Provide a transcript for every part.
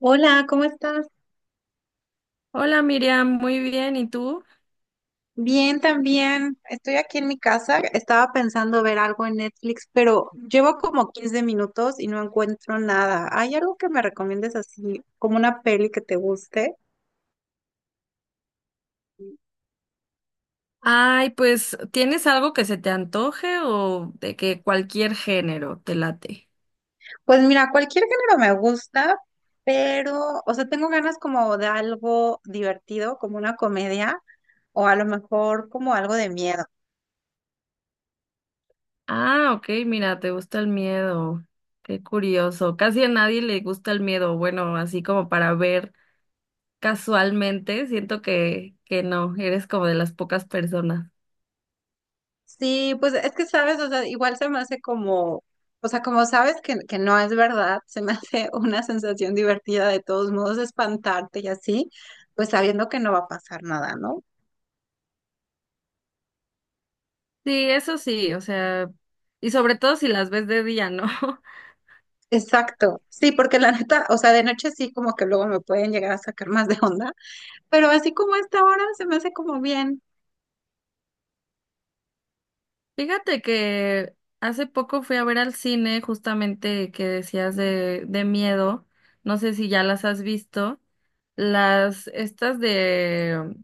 Hola, ¿cómo estás? Hola Miriam, muy bien, ¿y tú? Bien, también. Estoy aquí en mi casa. Estaba pensando ver algo en Netflix, pero llevo como 15 minutos y no encuentro nada. ¿Hay algo que me recomiendes así, como una peli que te guste? Ay, pues, ¿tienes algo que se te antoje o de que cualquier género te late? Pues mira, cualquier género me gusta, pero, o sea, tengo ganas como de algo divertido, como una comedia, o a lo mejor como algo de miedo. Ah, ok, mira, te gusta el miedo. Qué curioso. Casi a nadie le gusta el miedo. Bueno, así como para ver casualmente, siento que no, eres como de las pocas personas. Sí, pues es que sabes, o sea, igual se me hace como, o sea, como sabes que no es verdad, se me hace una sensación divertida de todos modos, espantarte y así, pues sabiendo que no va a pasar nada, ¿no? Sí, eso sí, o sea, y sobre todo si las ves de día, ¿no? Exacto, sí, porque la neta, o sea, de noche sí como que luego me pueden llegar a sacar más de onda, pero así como a esta hora se me hace como bien. Fíjate que hace poco fui a ver al cine justamente que decías de miedo. No sé si ya las has visto. Las, estas de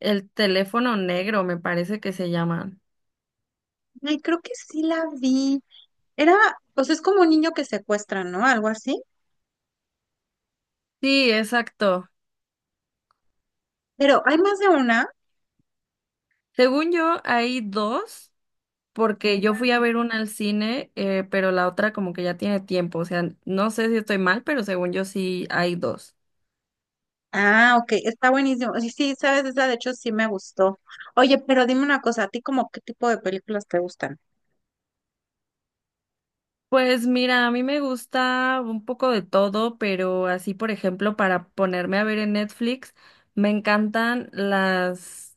El teléfono negro, me parece que se llaman. Ay, creo que sí la vi. Era, pues es como un niño que secuestran, ¿no? Algo así. Sí, exacto. Pero hay más de una. Según yo, hay dos, porque yo fui a ver Wow. una al cine, pero la otra como que ya tiene tiempo. O sea, no sé si estoy mal, pero según yo sí hay dos. Ah, ok, está buenísimo. Sí, sí, sabes, esa de hecho sí me gustó. Oye, pero dime una cosa, ¿a ti como qué tipo de películas te gustan? Pues mira, a mí me gusta un poco de todo, pero así, por ejemplo, para ponerme a ver en Netflix, me encantan las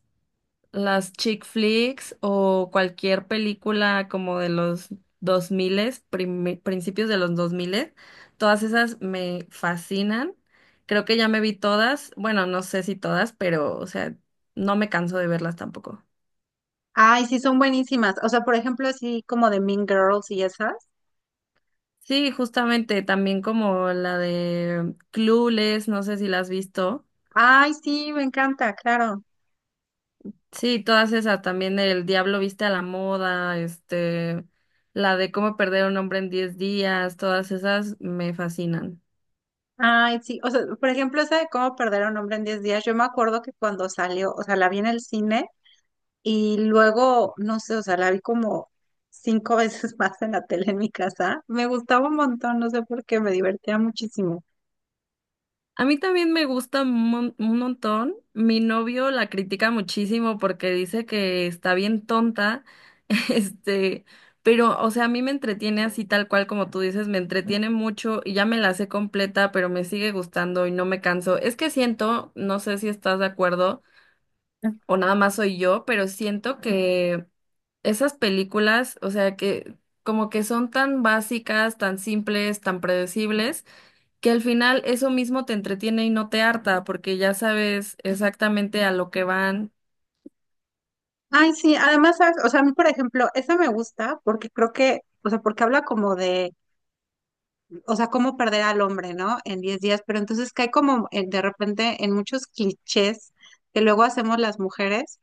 las chick flicks o cualquier película como de los dos principios de los 2000, todas esas me fascinan. Creo que ya me vi todas, bueno, no sé si todas, pero o sea, no me canso de verlas tampoco. Ay, sí, son buenísimas. O sea, por ejemplo, así como de Mean Girls y esas. Sí, justamente, también como la de Clueless, no sé si la has visto. Ay, sí, me encanta, claro. Sí, todas esas, también el Diablo viste a la moda, este, la de cómo perder a un hombre en 10 días, todas esas me fascinan. Ay, sí, o sea, por ejemplo, esa de cómo perder a un hombre en 10 días, yo me acuerdo que cuando salió, o sea, la vi en el cine y luego, no sé, o sea, la vi como 5 veces más en la tele en mi casa. Me gustaba un montón, no sé por qué, me divertía muchísimo. A mí también me gusta un montón. Mi novio la critica muchísimo porque dice que está bien tonta, este, pero, o sea, a mí me entretiene así tal cual como tú dices, me entretiene mucho y ya me la sé completa, pero me sigue gustando y no me canso. Es que siento, no sé si estás de acuerdo o nada más soy yo, pero siento que esas películas, o sea, que como que son tan básicas, tan simples, tan predecibles, que al final eso mismo te entretiene y no te harta, porque ya sabes exactamente a lo que van. Ay, sí, además, ¿sabes? O sea, a mí, por ejemplo, esa me gusta porque creo que, o sea, porque habla como de, o sea, cómo perder al hombre, ¿no? En 10 días, pero entonces cae como de repente en muchos clichés que luego hacemos las mujeres,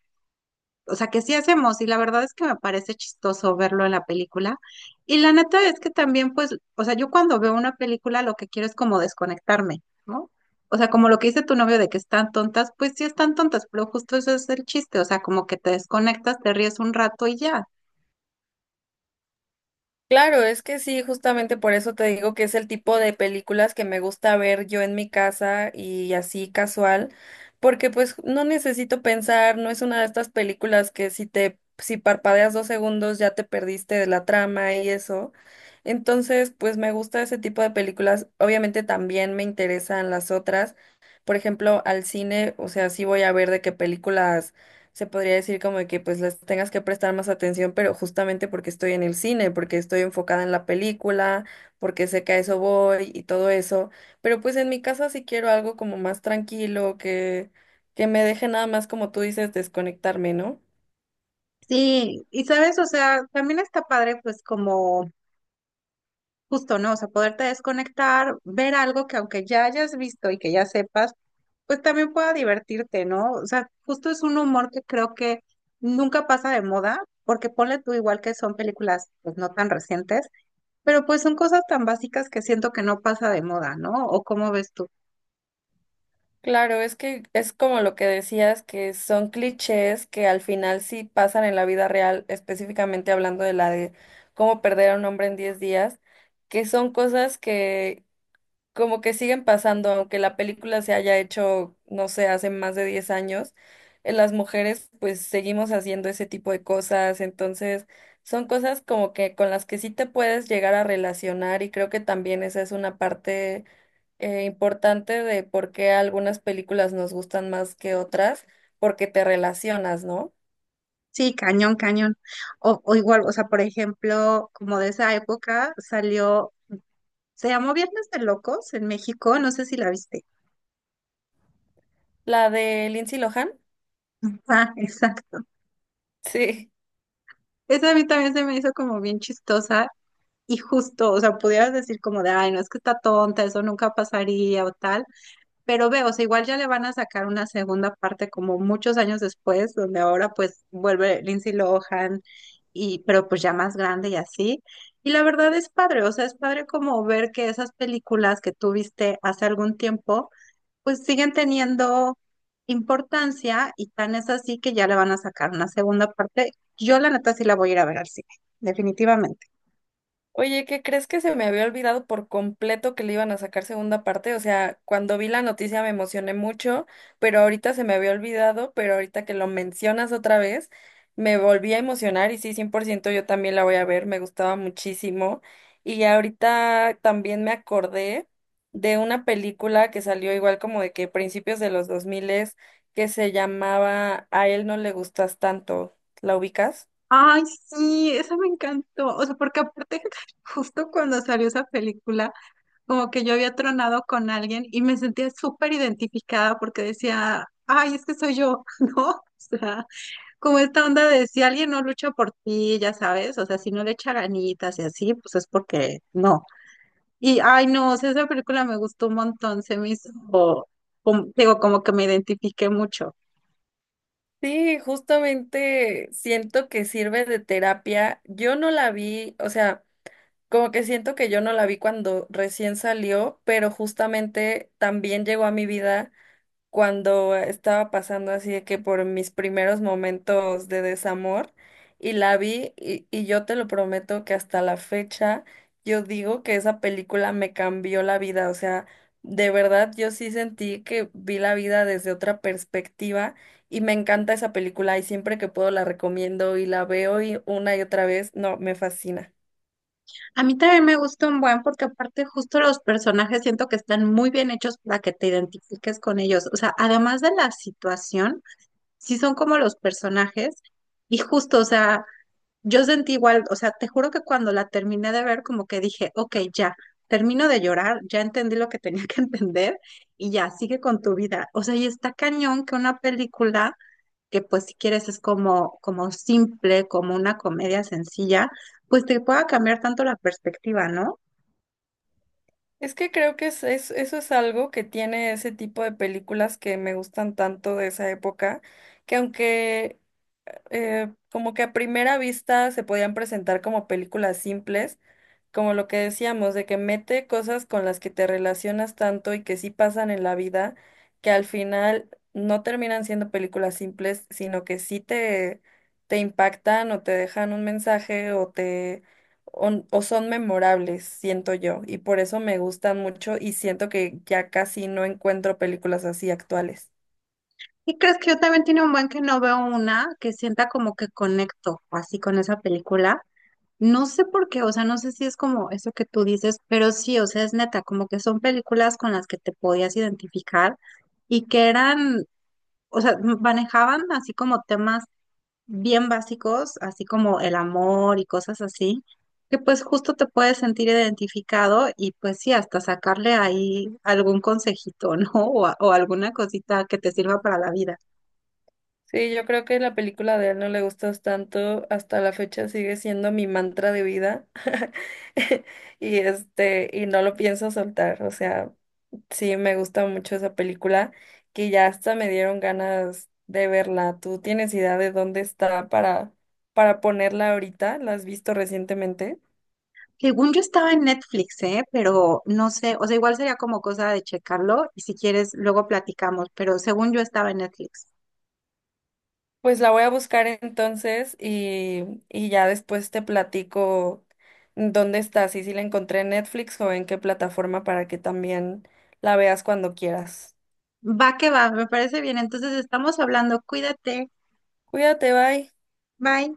o sea, que sí hacemos, y la verdad es que me parece chistoso verlo en la película. Y la neta es que también, pues, o sea, yo cuando veo una película lo que quiero es como desconectarme, ¿no? O sea, como lo que dice tu novio de que están tontas, pues sí están tontas, pero justo eso es el chiste, o sea, como que te desconectas, te ríes un rato y ya. Claro, es que sí, justamente por eso te digo que es el tipo de películas que me gusta ver yo en mi casa y así casual, porque pues no necesito pensar, no es una de estas películas que si parpadeas 2 segundos ya te perdiste de la trama y eso. Entonces, pues me gusta ese tipo de películas. Obviamente también me interesan las otras. Por ejemplo, al cine, o sea, sí voy a ver de qué películas se podría decir como que pues les tengas que prestar más atención, pero justamente porque estoy en el cine, porque estoy enfocada en la película, porque sé que a eso voy y todo eso. Pero pues en mi casa sí quiero algo como más tranquilo, que me deje nada más como tú dices, desconectarme, ¿no? Sí, y sabes, o sea, también está padre, pues como justo, ¿no? O sea, poderte desconectar, ver algo que aunque ya hayas visto y que ya sepas, pues también pueda divertirte, ¿no? O sea, justo es un humor que creo que nunca pasa de moda, porque ponle tú igual que son películas, pues no tan recientes, pero pues son cosas tan básicas que siento que no pasa de moda, ¿no? ¿O cómo ves tú? Claro, es que es como lo que decías, que son clichés que al final sí pasan en la vida real, específicamente hablando de la de cómo perder a un hombre en diez días, que son cosas que como que siguen pasando, aunque la película se haya hecho, no sé, hace más de 10 años, las mujeres pues seguimos haciendo ese tipo de cosas, entonces son cosas como que con las que sí te puedes llegar a relacionar y creo que también esa es una parte importante de por qué algunas películas nos gustan más que otras, porque te relacionas, ¿no? Sí, cañón, cañón. O igual, o sea, por ejemplo, como de esa época salió, se llamó Viernes de Locos en México, no sé si la viste. La de Lindsay Lohan, Ah, exacto. sí. Esa a mí también se me hizo como bien chistosa y justo, o sea, pudieras decir como de, ay, no, es que está tonta, eso nunca pasaría o tal, pero veo, o sea, igual ya le van a sacar una segunda parte como muchos años después, donde ahora pues vuelve Lindsay Lohan y, pero pues ya más grande y así. Y la verdad es padre, o sea, es padre como ver que esas películas que tú viste hace algún tiempo pues siguen teniendo importancia y tan es así que ya le van a sacar una segunda parte. Yo la neta sí la voy a ir a ver al cine, definitivamente. Oye, ¿qué crees que se me había olvidado por completo que le iban a sacar segunda parte? O sea, cuando vi la noticia me emocioné mucho, pero ahorita se me había olvidado, pero ahorita que lo mencionas otra vez, me volví a emocionar y sí, 100%, yo también la voy a ver, me gustaba muchísimo. Y ahorita también me acordé de una película que salió igual como de que principios de los 2000 que se llamaba A él no le gustas tanto. ¿La ubicas? Ay, sí, esa me encantó. O sea, porque aparte, justo cuando salió esa película, como que yo había tronado con alguien y me sentía súper identificada porque decía, ay, es que soy yo, ¿no? O sea, como esta onda de si alguien no lucha por ti, ya sabes, o sea, si no le echa ganitas y así, pues es porque no. Y, ay, no, o sea, esa película me gustó un montón, se me hizo, digo, como que me identifiqué mucho. Sí, justamente siento que sirve de terapia. Yo no la vi, o sea, como que siento que yo no la vi cuando recién salió, pero justamente también llegó a mi vida cuando estaba pasando así de que por mis primeros momentos de desamor y la vi y yo te lo prometo que hasta la fecha yo digo que esa película me cambió la vida, o sea, de verdad yo sí sentí que vi la vida desde otra perspectiva y me encanta esa película y siempre que puedo la recomiendo y la veo y una y otra vez, no, me fascina. A mí también me gustó un buen porque aparte justo los personajes siento que están muy bien hechos para que te identifiques con ellos. O sea, además de la situación, sí son como los personajes y justo, o sea, yo sentí igual, o sea, te juro que cuando la terminé de ver como que dije, ok, ya, termino de llorar, ya entendí lo que tenía que entender y ya, sigue con tu vida. O sea, y está cañón que una película que pues si quieres es como, como simple, como una comedia sencilla, pues te pueda cambiar tanto la perspectiva, ¿no? Es que creo que eso es algo que tiene ese tipo de películas que me gustan tanto de esa época, que aunque como que a primera vista se podían presentar como películas simples, como lo que decíamos, de que mete cosas con las que te relacionas tanto y que sí pasan en la vida, que al final no terminan siendo películas simples, sino que sí te impactan o te dejan un mensaje o son memorables, siento yo, y por eso me gustan mucho y siento que ya casi no encuentro películas así actuales. Y crees que yo también tiene un buen que no veo una que sienta como que conecto así con esa película. No sé por qué, o sea, no sé si es como eso que tú dices, pero sí, o sea, es neta, como que son películas con las que te podías identificar y que eran, o sea, manejaban así como temas bien básicos, así como el amor y cosas así, que pues justo te puedes sentir identificado y pues sí, hasta sacarle ahí algún consejito, ¿no? O, o alguna cosita que te sirva para la vida. Sí, yo creo que la película de él no le gustas tanto, hasta la fecha sigue siendo mi mantra de vida. Y este, y no lo pienso soltar, o sea, sí me gusta mucho esa película, que ya hasta me dieron ganas de verla. ¿Tú tienes idea de dónde está para ponerla ahorita? ¿La has visto recientemente? Según yo estaba en Netflix, ¿eh? Pero no sé, o sea, igual sería como cosa de checarlo y si quieres luego platicamos, pero según yo estaba en Netflix. Pues la voy a buscar entonces y ya después te platico dónde está, si la encontré en Netflix o en qué plataforma para que también la veas cuando quieras. Va que va, me parece bien. Entonces estamos hablando, cuídate, Cuídate, bye. bye.